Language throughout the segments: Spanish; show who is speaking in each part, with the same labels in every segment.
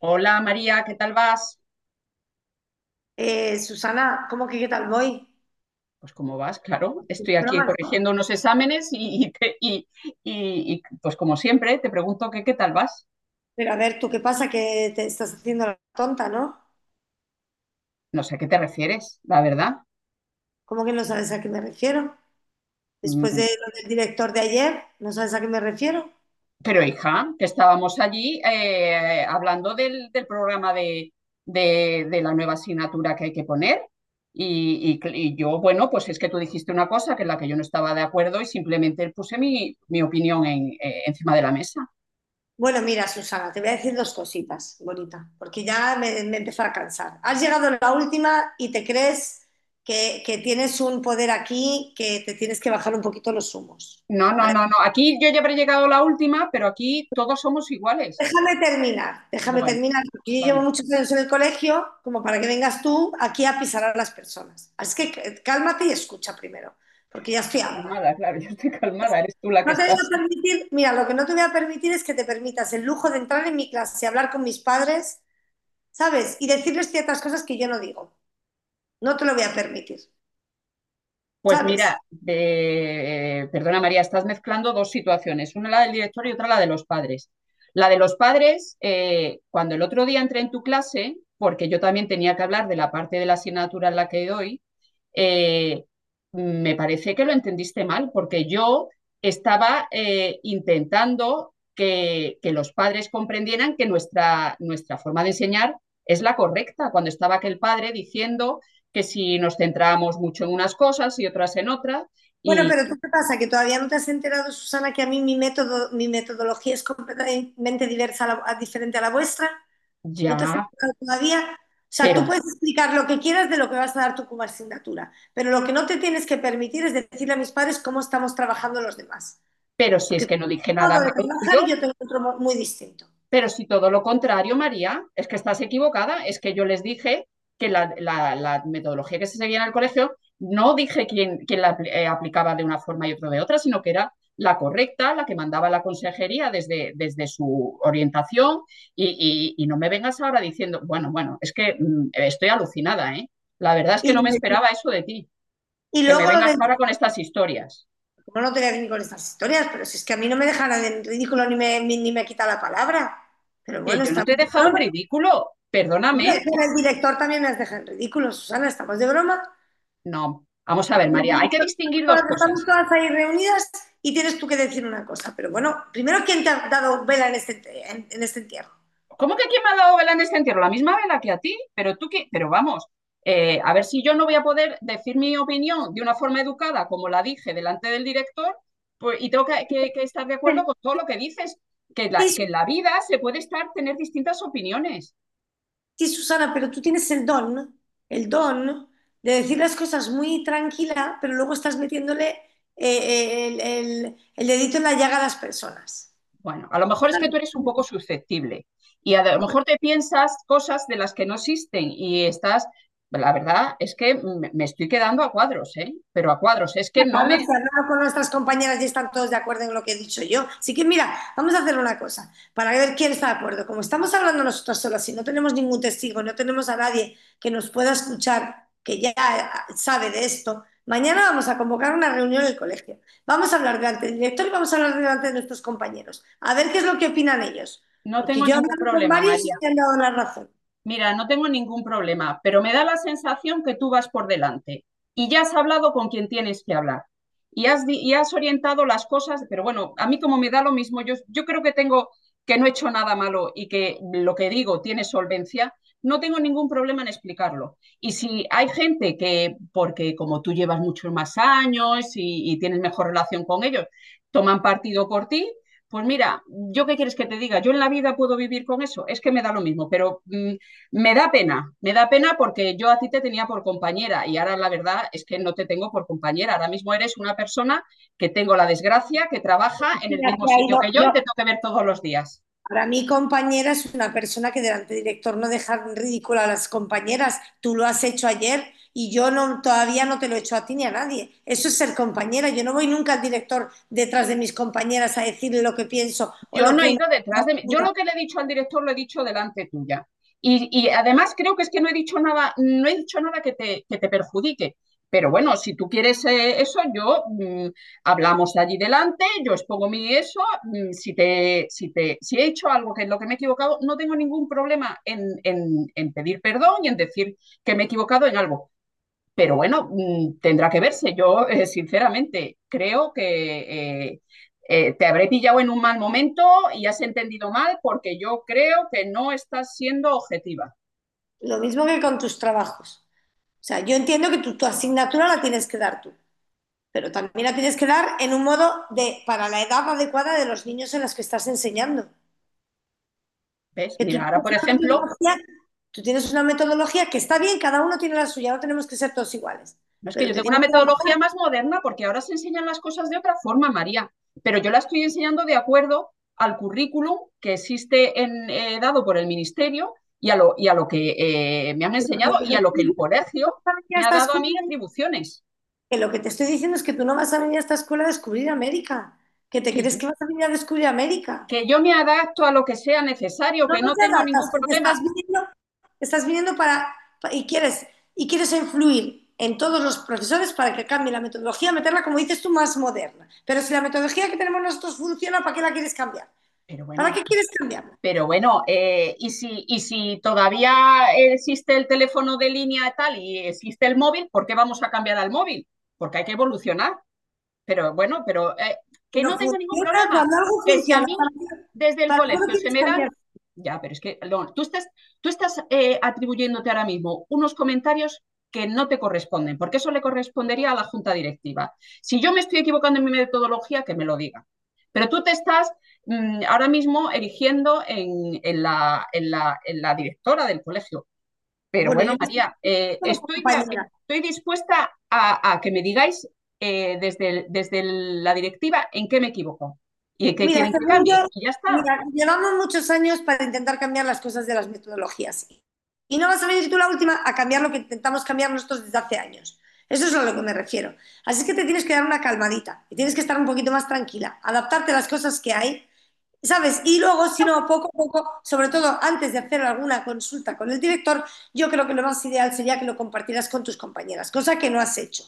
Speaker 1: Hola María, ¿qué tal vas?
Speaker 2: Susana, ¿cómo que qué tal voy?
Speaker 1: Pues cómo vas, claro. Estoy aquí
Speaker 2: Broma, ¿no?
Speaker 1: corrigiendo unos exámenes y pues como siempre te pregunto que qué tal vas.
Speaker 2: Pero a ver, ¿tú qué pasa? Que te estás haciendo la tonta, ¿no?
Speaker 1: No sé a qué te refieres, la verdad.
Speaker 2: ¿Cómo que no sabes a qué me refiero? Después
Speaker 1: Mm,
Speaker 2: de lo del director de ayer, ¿no sabes a qué me refiero?
Speaker 1: Pero hija, que estábamos allí hablando del programa de, de la nueva asignatura que hay que poner. Y yo, bueno, pues es que tú dijiste una cosa que en la que yo no estaba de acuerdo y simplemente puse mi opinión encima de la mesa.
Speaker 2: Bueno, mira, Susana, te voy a decir dos cositas, bonita, porque ya me empezó a cansar. Has llegado la última y te crees que tienes un poder aquí que te tienes que bajar un poquito los humos.
Speaker 1: No, no,
Speaker 2: ¿Vale?
Speaker 1: no, no. Aquí yo ya habré llegado la última, pero aquí todos somos iguales.
Speaker 2: Déjame
Speaker 1: Bueno,
Speaker 2: terminar, porque yo llevo
Speaker 1: vale.
Speaker 2: muchos años en el colegio, como para que vengas tú aquí a pisar a las personas. Así que cálmate y escucha primero, porque ya estoy harta.
Speaker 1: Calmada, claro, yo estoy calmada, eres tú la que
Speaker 2: No te voy a
Speaker 1: estás.
Speaker 2: permitir, mira, lo que no te voy a permitir es que te permitas el lujo de entrar en mi clase y hablar con mis padres, ¿sabes? Y decirles ciertas cosas que yo no digo. No te lo voy a permitir,
Speaker 1: Pues
Speaker 2: ¿sabes?
Speaker 1: mira, perdona María, estás mezclando dos situaciones, una la del director y otra la de los padres. La de los padres, cuando el otro día entré en tu clase, porque yo también tenía que hablar de la parte de la asignatura en la que doy, eh, me parece que lo entendiste mal, porque yo estaba intentando que, los padres comprendieran que nuestra forma de enseñar es la correcta, cuando estaba aquel padre diciendo que si nos centrábamos mucho en unas cosas y otras en otras,
Speaker 2: Bueno,
Speaker 1: y
Speaker 2: pero ¿tú qué pasa? Que todavía no te has enterado, Susana, que a mí mi método, mi metodología es completamente diversa diferente a la vuestra. No te has
Speaker 1: ya,
Speaker 2: explicado todavía. O sea, tú
Speaker 1: pero,
Speaker 2: puedes explicar lo que quieras de lo que vas a dar tú como asignatura, pero lo que no te tienes que permitir es decirle a mis padres cómo estamos trabajando los demás.
Speaker 1: pero si
Speaker 2: Porque
Speaker 1: es que
Speaker 2: tú
Speaker 1: no
Speaker 2: tienes
Speaker 1: dije
Speaker 2: un modo
Speaker 1: nada
Speaker 2: de
Speaker 1: malo
Speaker 2: trabajar
Speaker 1: tuyo.
Speaker 2: y yo tengo otro muy distinto.
Speaker 1: Pero si todo lo contrario, María, es que estás equivocada, es que yo les dije que la metodología que se seguía en el colegio, no dije quién, quién la aplicaba de una forma y otro de otra, sino que era la correcta, la que mandaba la consejería desde su orientación y no me vengas ahora diciendo, bueno, bueno, es que estoy alucinada, ¿eh? La verdad es que
Speaker 2: Y,
Speaker 1: no
Speaker 2: lo
Speaker 1: me
Speaker 2: de-
Speaker 1: esperaba eso de ti,
Speaker 2: y
Speaker 1: que me
Speaker 2: luego lo
Speaker 1: vengas ahora
Speaker 2: del...
Speaker 1: con estas historias,
Speaker 2: Como no te voy a venir con estas historias, pero si es que a mí no me dejan en ridículo ni me quita la palabra. Pero
Speaker 1: que
Speaker 2: bueno,
Speaker 1: yo no te he
Speaker 2: estamos de
Speaker 1: dejado en
Speaker 2: broma.
Speaker 1: ridículo,
Speaker 2: Hombre,
Speaker 1: perdóname, que-
Speaker 2: pero el director también nos deja en ridículo, Susana, estamos de broma.
Speaker 1: no. Vamos a ver, María, hay que distinguir dos
Speaker 2: Estamos
Speaker 1: cosas.
Speaker 2: todas ahí reunidas y tienes tú que decir una cosa. Pero bueno, primero, ¿quién te ha dado vela en en este entierro?
Speaker 1: ¿Cómo que quién me ha dado vela en este entierro? La misma vela que a ti, pero tú qué, pero vamos, a ver si yo no voy a poder decir mi opinión de una forma educada, como la dije delante del director, pues, y tengo que estar de acuerdo con todo lo que dices, que, que
Speaker 2: Sí,
Speaker 1: en la vida se puede estar, tener distintas opiniones.
Speaker 2: sí, Susana, pero tú tienes el don de decir las cosas muy tranquila, pero luego estás metiéndole el dedito en la llaga a las personas.
Speaker 1: Bueno, a lo mejor es que tú eres un poco susceptible y a lo
Speaker 2: Bueno,
Speaker 1: mejor te piensas cosas de las que no existen y estás, la verdad es que me estoy quedando a cuadros, ¿eh? Pero a cuadros, es que no
Speaker 2: Carlos,
Speaker 1: me,
Speaker 2: se ha hablado con nuestras compañeras y están todos de acuerdo en lo que he dicho yo. Así que mira, vamos a hacer una cosa para ver quién está de acuerdo. Como estamos hablando nosotros solas y no tenemos ningún testigo, no tenemos a nadie que nos pueda escuchar, que ya sabe de esto, mañana vamos a convocar una reunión en el colegio. Vamos a hablar delante del director y vamos a hablar delante de nuestros compañeros. A ver qué es lo que opinan ellos.
Speaker 1: no
Speaker 2: Porque
Speaker 1: tengo
Speaker 2: yo he
Speaker 1: ningún
Speaker 2: hablado con
Speaker 1: problema,
Speaker 2: varios y
Speaker 1: María.
Speaker 2: me han dado la razón.
Speaker 1: Mira, no tengo ningún problema, pero me da la sensación que tú vas por delante y ya has hablado con quien tienes que hablar y has orientado las cosas, pero bueno, a mí como me da lo mismo, yo creo que tengo que no he hecho nada malo y que lo que digo tiene solvencia, no tengo ningún problema en explicarlo. Y si hay gente que, porque como tú llevas muchos más años y tienes mejor relación con ellos, toman partido por ti, pues mira, ¿yo qué quieres que te diga? Yo en la vida puedo vivir con eso, es que me da lo mismo, pero me da pena porque yo a ti te tenía por compañera y ahora la verdad es que no te tengo por compañera. Ahora mismo eres una persona que tengo la desgracia, que trabaja en el
Speaker 2: Cristina se
Speaker 1: mismo
Speaker 2: ha
Speaker 1: sitio
Speaker 2: ido,
Speaker 1: que yo y
Speaker 2: yo,
Speaker 1: te tengo que ver todos los días.
Speaker 2: para mí, compañera es una persona que delante del director no deja en ridículo a las compañeras. Tú lo has hecho ayer y yo no, todavía no te lo he hecho a ti ni a nadie. Eso es ser compañera. Yo no voy nunca al director detrás de mis compañeras a decirle lo que pienso o
Speaker 1: Yo
Speaker 2: lo
Speaker 1: no
Speaker 2: que
Speaker 1: he
Speaker 2: una.
Speaker 1: ido detrás de mí. Yo lo que le he dicho al director lo he dicho delante tuya. Y además creo que es que no he dicho nada, no he dicho nada que te, que te perjudique. Pero bueno, si tú quieres eso, yo hablamos allí delante, yo expongo mi eso, si te, si he hecho algo que es lo que me he equivocado, no tengo ningún problema en pedir perdón y en decir que me he equivocado en algo. Pero bueno, tendrá que verse. Yo, sinceramente, creo que te habré pillado en un mal momento y has entendido mal porque yo creo que no estás siendo objetiva.
Speaker 2: Lo mismo que con tus trabajos. O sea, yo entiendo que tu asignatura la tienes que dar tú, pero también la tienes que dar en un modo de, para la edad adecuada de los niños en los que estás enseñando.
Speaker 1: ¿Ves?
Speaker 2: Que tú
Speaker 1: Mira,
Speaker 2: tienes
Speaker 1: ahora, por
Speaker 2: una
Speaker 1: ejemplo,
Speaker 2: metodología, tú tienes una metodología que está bien, cada uno tiene la suya, no tenemos que ser todos iguales.
Speaker 1: no es que
Speaker 2: Pero
Speaker 1: yo
Speaker 2: te
Speaker 1: tengo una
Speaker 2: tienes
Speaker 1: metodología más moderna porque ahora se enseñan las cosas de otra forma, María, pero yo la estoy enseñando de acuerdo al currículum que existe en, dado por el ministerio y a lo que me han
Speaker 2: que
Speaker 1: enseñado
Speaker 2: lo
Speaker 1: y a lo que el
Speaker 2: que
Speaker 1: colegio
Speaker 2: no venir a
Speaker 1: me ha
Speaker 2: esta
Speaker 1: dado a
Speaker 2: escuela,
Speaker 1: mí atribuciones,
Speaker 2: que lo que te estoy diciendo es que tú no vas a venir a esta escuela a descubrir América, que te
Speaker 1: que yo
Speaker 2: crees que vas a venir a descubrir América.
Speaker 1: que yo me adapto a lo que sea necesario,
Speaker 2: No,
Speaker 1: que
Speaker 2: no
Speaker 1: no
Speaker 2: te
Speaker 1: tengo ningún
Speaker 2: adaptas, porque
Speaker 1: problema.
Speaker 2: estás viniendo para- y quieres, y quieres influir en todos los profesores para que cambie la metodología, meterla, como dices tú, más moderna. Pero si la metodología que tenemos nosotros funciona, ¿para qué la quieres cambiar?
Speaker 1: Pero
Speaker 2: ¿Para
Speaker 1: bueno,
Speaker 2: qué quieres cambiar?
Speaker 1: pero bueno, y si todavía existe el teléfono de línea y tal y existe el móvil, ¿por qué vamos a cambiar al móvil? Porque hay que evolucionar. Pero bueno, pero que
Speaker 2: Pero
Speaker 1: no tengo ningún
Speaker 2: funciona,
Speaker 1: problema.
Speaker 2: cuando algo
Speaker 1: Que si a
Speaker 2: funciona,
Speaker 1: mí desde el
Speaker 2: ¿para qué lo
Speaker 1: colegio se
Speaker 2: quieres
Speaker 1: me dan...
Speaker 2: cambiar?
Speaker 1: Ya, pero es que no, tú estás atribuyéndote ahora mismo unos comentarios que no te corresponden, porque eso le correspondería a la junta directiva. Si yo me estoy equivocando en mi metodología, que me lo diga. Pero tú te estás ahora mismo erigiendo en la directora del colegio. Pero
Speaker 2: Bueno, yo
Speaker 1: bueno,
Speaker 2: me estoy
Speaker 1: María,
Speaker 2: como
Speaker 1: estoy,
Speaker 2: compañera.
Speaker 1: estoy dispuesta a que me digáis desde, desde la directiva en qué me equivoco y en qué
Speaker 2: Mira,
Speaker 1: quieren que
Speaker 2: según
Speaker 1: cambie.
Speaker 2: yo,
Speaker 1: Y ya está.
Speaker 2: mira, llevamos muchos años para intentar cambiar las cosas de las metodologías. Y no vas a venir tú la última a cambiar lo que intentamos cambiar nosotros desde hace años. Eso es a lo que me refiero. Así es que te tienes que dar una calmadita y tienes que estar un poquito más tranquila, adaptarte a las cosas que hay. ¿Sabes? Y luego, si no, poco a poco, sobre todo antes de hacer alguna consulta con el director, yo creo que lo más ideal sería que lo compartieras con tus compañeras, cosa que no has hecho,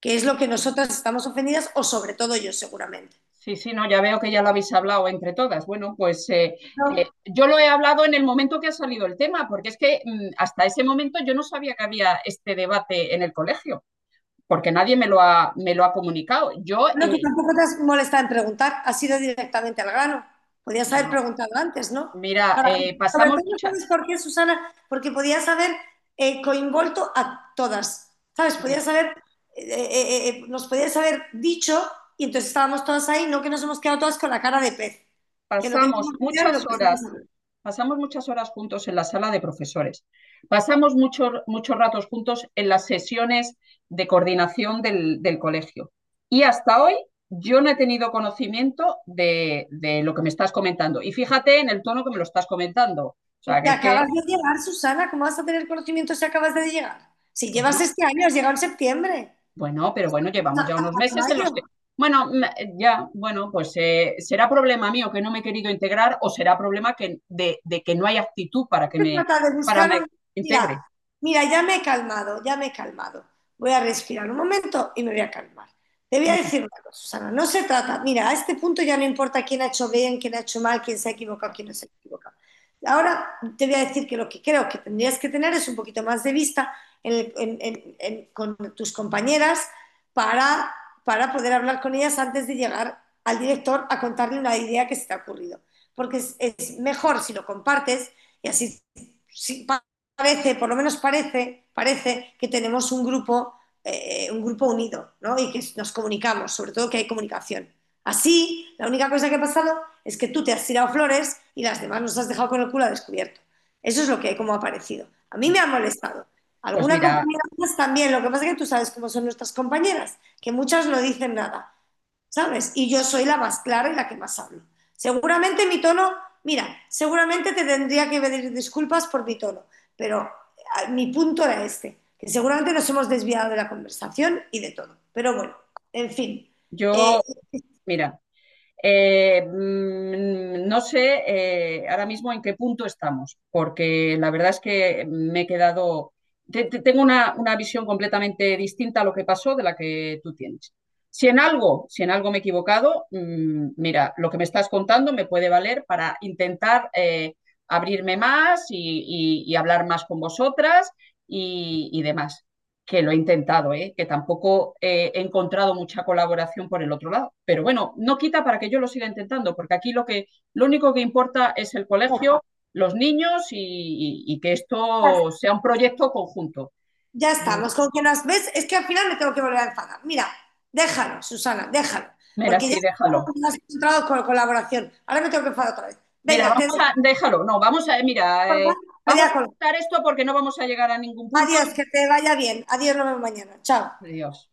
Speaker 2: que es lo que nosotras estamos ofendidas o sobre todo yo seguramente.
Speaker 1: Sí, sí, no, ya veo que ya lo habéis hablado entre todas. Bueno, pues
Speaker 2: ¿No?
Speaker 1: yo lo he hablado en el momento que ha salido el tema, porque es que hasta ese momento yo no sabía que había este debate en el colegio, porque nadie me lo ha, me lo ha comunicado. Yo,
Speaker 2: Bueno, tú tampoco te has molestado en preguntar, has ido directamente al grano. Podías haber
Speaker 1: no,
Speaker 2: preguntado antes, ¿no?
Speaker 1: mira,
Speaker 2: Para- Sobre todo, ¿sabes por qué, Susana? Porque podías haber coinvolto a todas, ¿sabes? Podías haber, nos podías haber dicho y entonces estábamos todas ahí, no que nos hemos quedado todas con la cara de pez, que no
Speaker 1: pasamos
Speaker 2: teníamos ni idea de lo
Speaker 1: muchas
Speaker 2: que estábamos
Speaker 1: horas,
Speaker 2: hablando.
Speaker 1: pasamos muchas horas juntos en la sala de profesores, pasamos muchos muchos ratos juntos en las sesiones de coordinación del colegio. Y hasta hoy yo no he tenido conocimiento de, lo que me estás comentando. Y fíjate en el tono que me lo estás comentando. O sea, que
Speaker 2: Porque
Speaker 1: es
Speaker 2: acabas
Speaker 1: que,
Speaker 2: de llegar, Susana, ¿cómo vas a tener conocimiento si acabas de llegar? Si
Speaker 1: pues
Speaker 2: llevas
Speaker 1: no,
Speaker 2: este año, has llegado en septiembre,
Speaker 1: bueno, pero bueno, llevamos ya unos
Speaker 2: a
Speaker 1: meses en
Speaker 2: mayo.
Speaker 1: los que, bueno, ya, bueno, pues será problema mío que no me he querido integrar o será problema que, de que no hay actitud para que
Speaker 2: Se
Speaker 1: me,
Speaker 2: trata de
Speaker 1: para
Speaker 2: buscar
Speaker 1: me
Speaker 2: un... Mira,
Speaker 1: integre.
Speaker 2: mira, ya me he calmado, ya me he calmado. Voy a respirar un momento y me voy a calmar. Te voy a
Speaker 1: Ujú.
Speaker 2: decir una cosa, Susana, no se trata, mira, a este punto ya no importa quién ha hecho bien, quién ha hecho mal, quién se ha equivocado, quién no se ha equivocado. Ahora te voy a decir que lo que creo que tendrías que tener es un poquito más de vista con tus compañeras para, para poder hablar con ellas antes de llegar al director a contarle una idea que se te ha ocurrido. Porque es mejor si lo compartes y así sí, parece, por lo menos parece, parece que tenemos un grupo unido, ¿no? Y que nos comunicamos, sobre todo que hay comunicación. Así, la única cosa que ha pasado es que tú te has tirado flores y las demás nos has dejado con el culo descubierto. Eso es lo que como ha parecido. A mí
Speaker 1: Bueno,
Speaker 2: me ha molestado.
Speaker 1: pues
Speaker 2: Alguna
Speaker 1: mira,
Speaker 2: compañera más también, lo que pasa es que tú sabes cómo son nuestras compañeras, que muchas no dicen nada. ¿Sabes? Y yo soy la más clara y la que más hablo. Seguramente mi tono, mira, seguramente te tendría que pedir disculpas por mi tono, pero ah, mi punto era este, que seguramente nos hemos desviado de la conversación y de todo. Pero bueno, en fin, eh,
Speaker 1: yo, mira, no sé ahora mismo en qué punto estamos, porque la verdad es que me he quedado, tengo una visión completamente distinta a lo que pasó de la que tú tienes. Si en algo, si en algo me he equivocado, mira, lo que me estás contando me puede valer para intentar abrirme más y hablar más con vosotras y demás que lo he intentado, ¿eh? Que tampoco he encontrado mucha colaboración por el otro lado. Pero bueno, no quita para que yo lo siga intentando, porque aquí lo, que, lo único que importa es el colegio, los niños y que esto sea un proyecto conjunto.
Speaker 2: ya estamos. Con que nos ves, es que al final me tengo que volver a enfadar. Mira, déjalo, Susana, déjalo,
Speaker 1: Mira,
Speaker 2: porque ya
Speaker 1: sí, déjalo.
Speaker 2: has encontrado con colaboración. Ahora me tengo que enfadar otra vez.
Speaker 1: Mira,
Speaker 2: Venga, te
Speaker 1: vamos
Speaker 2: dejo.
Speaker 1: a, déjalo, no, vamos a, mira, vamos a quitar esto porque no vamos a llegar a ningún punto.
Speaker 2: Adiós, que te vaya bien. Adiós, nos vemos mañana. Chao.
Speaker 1: Dios.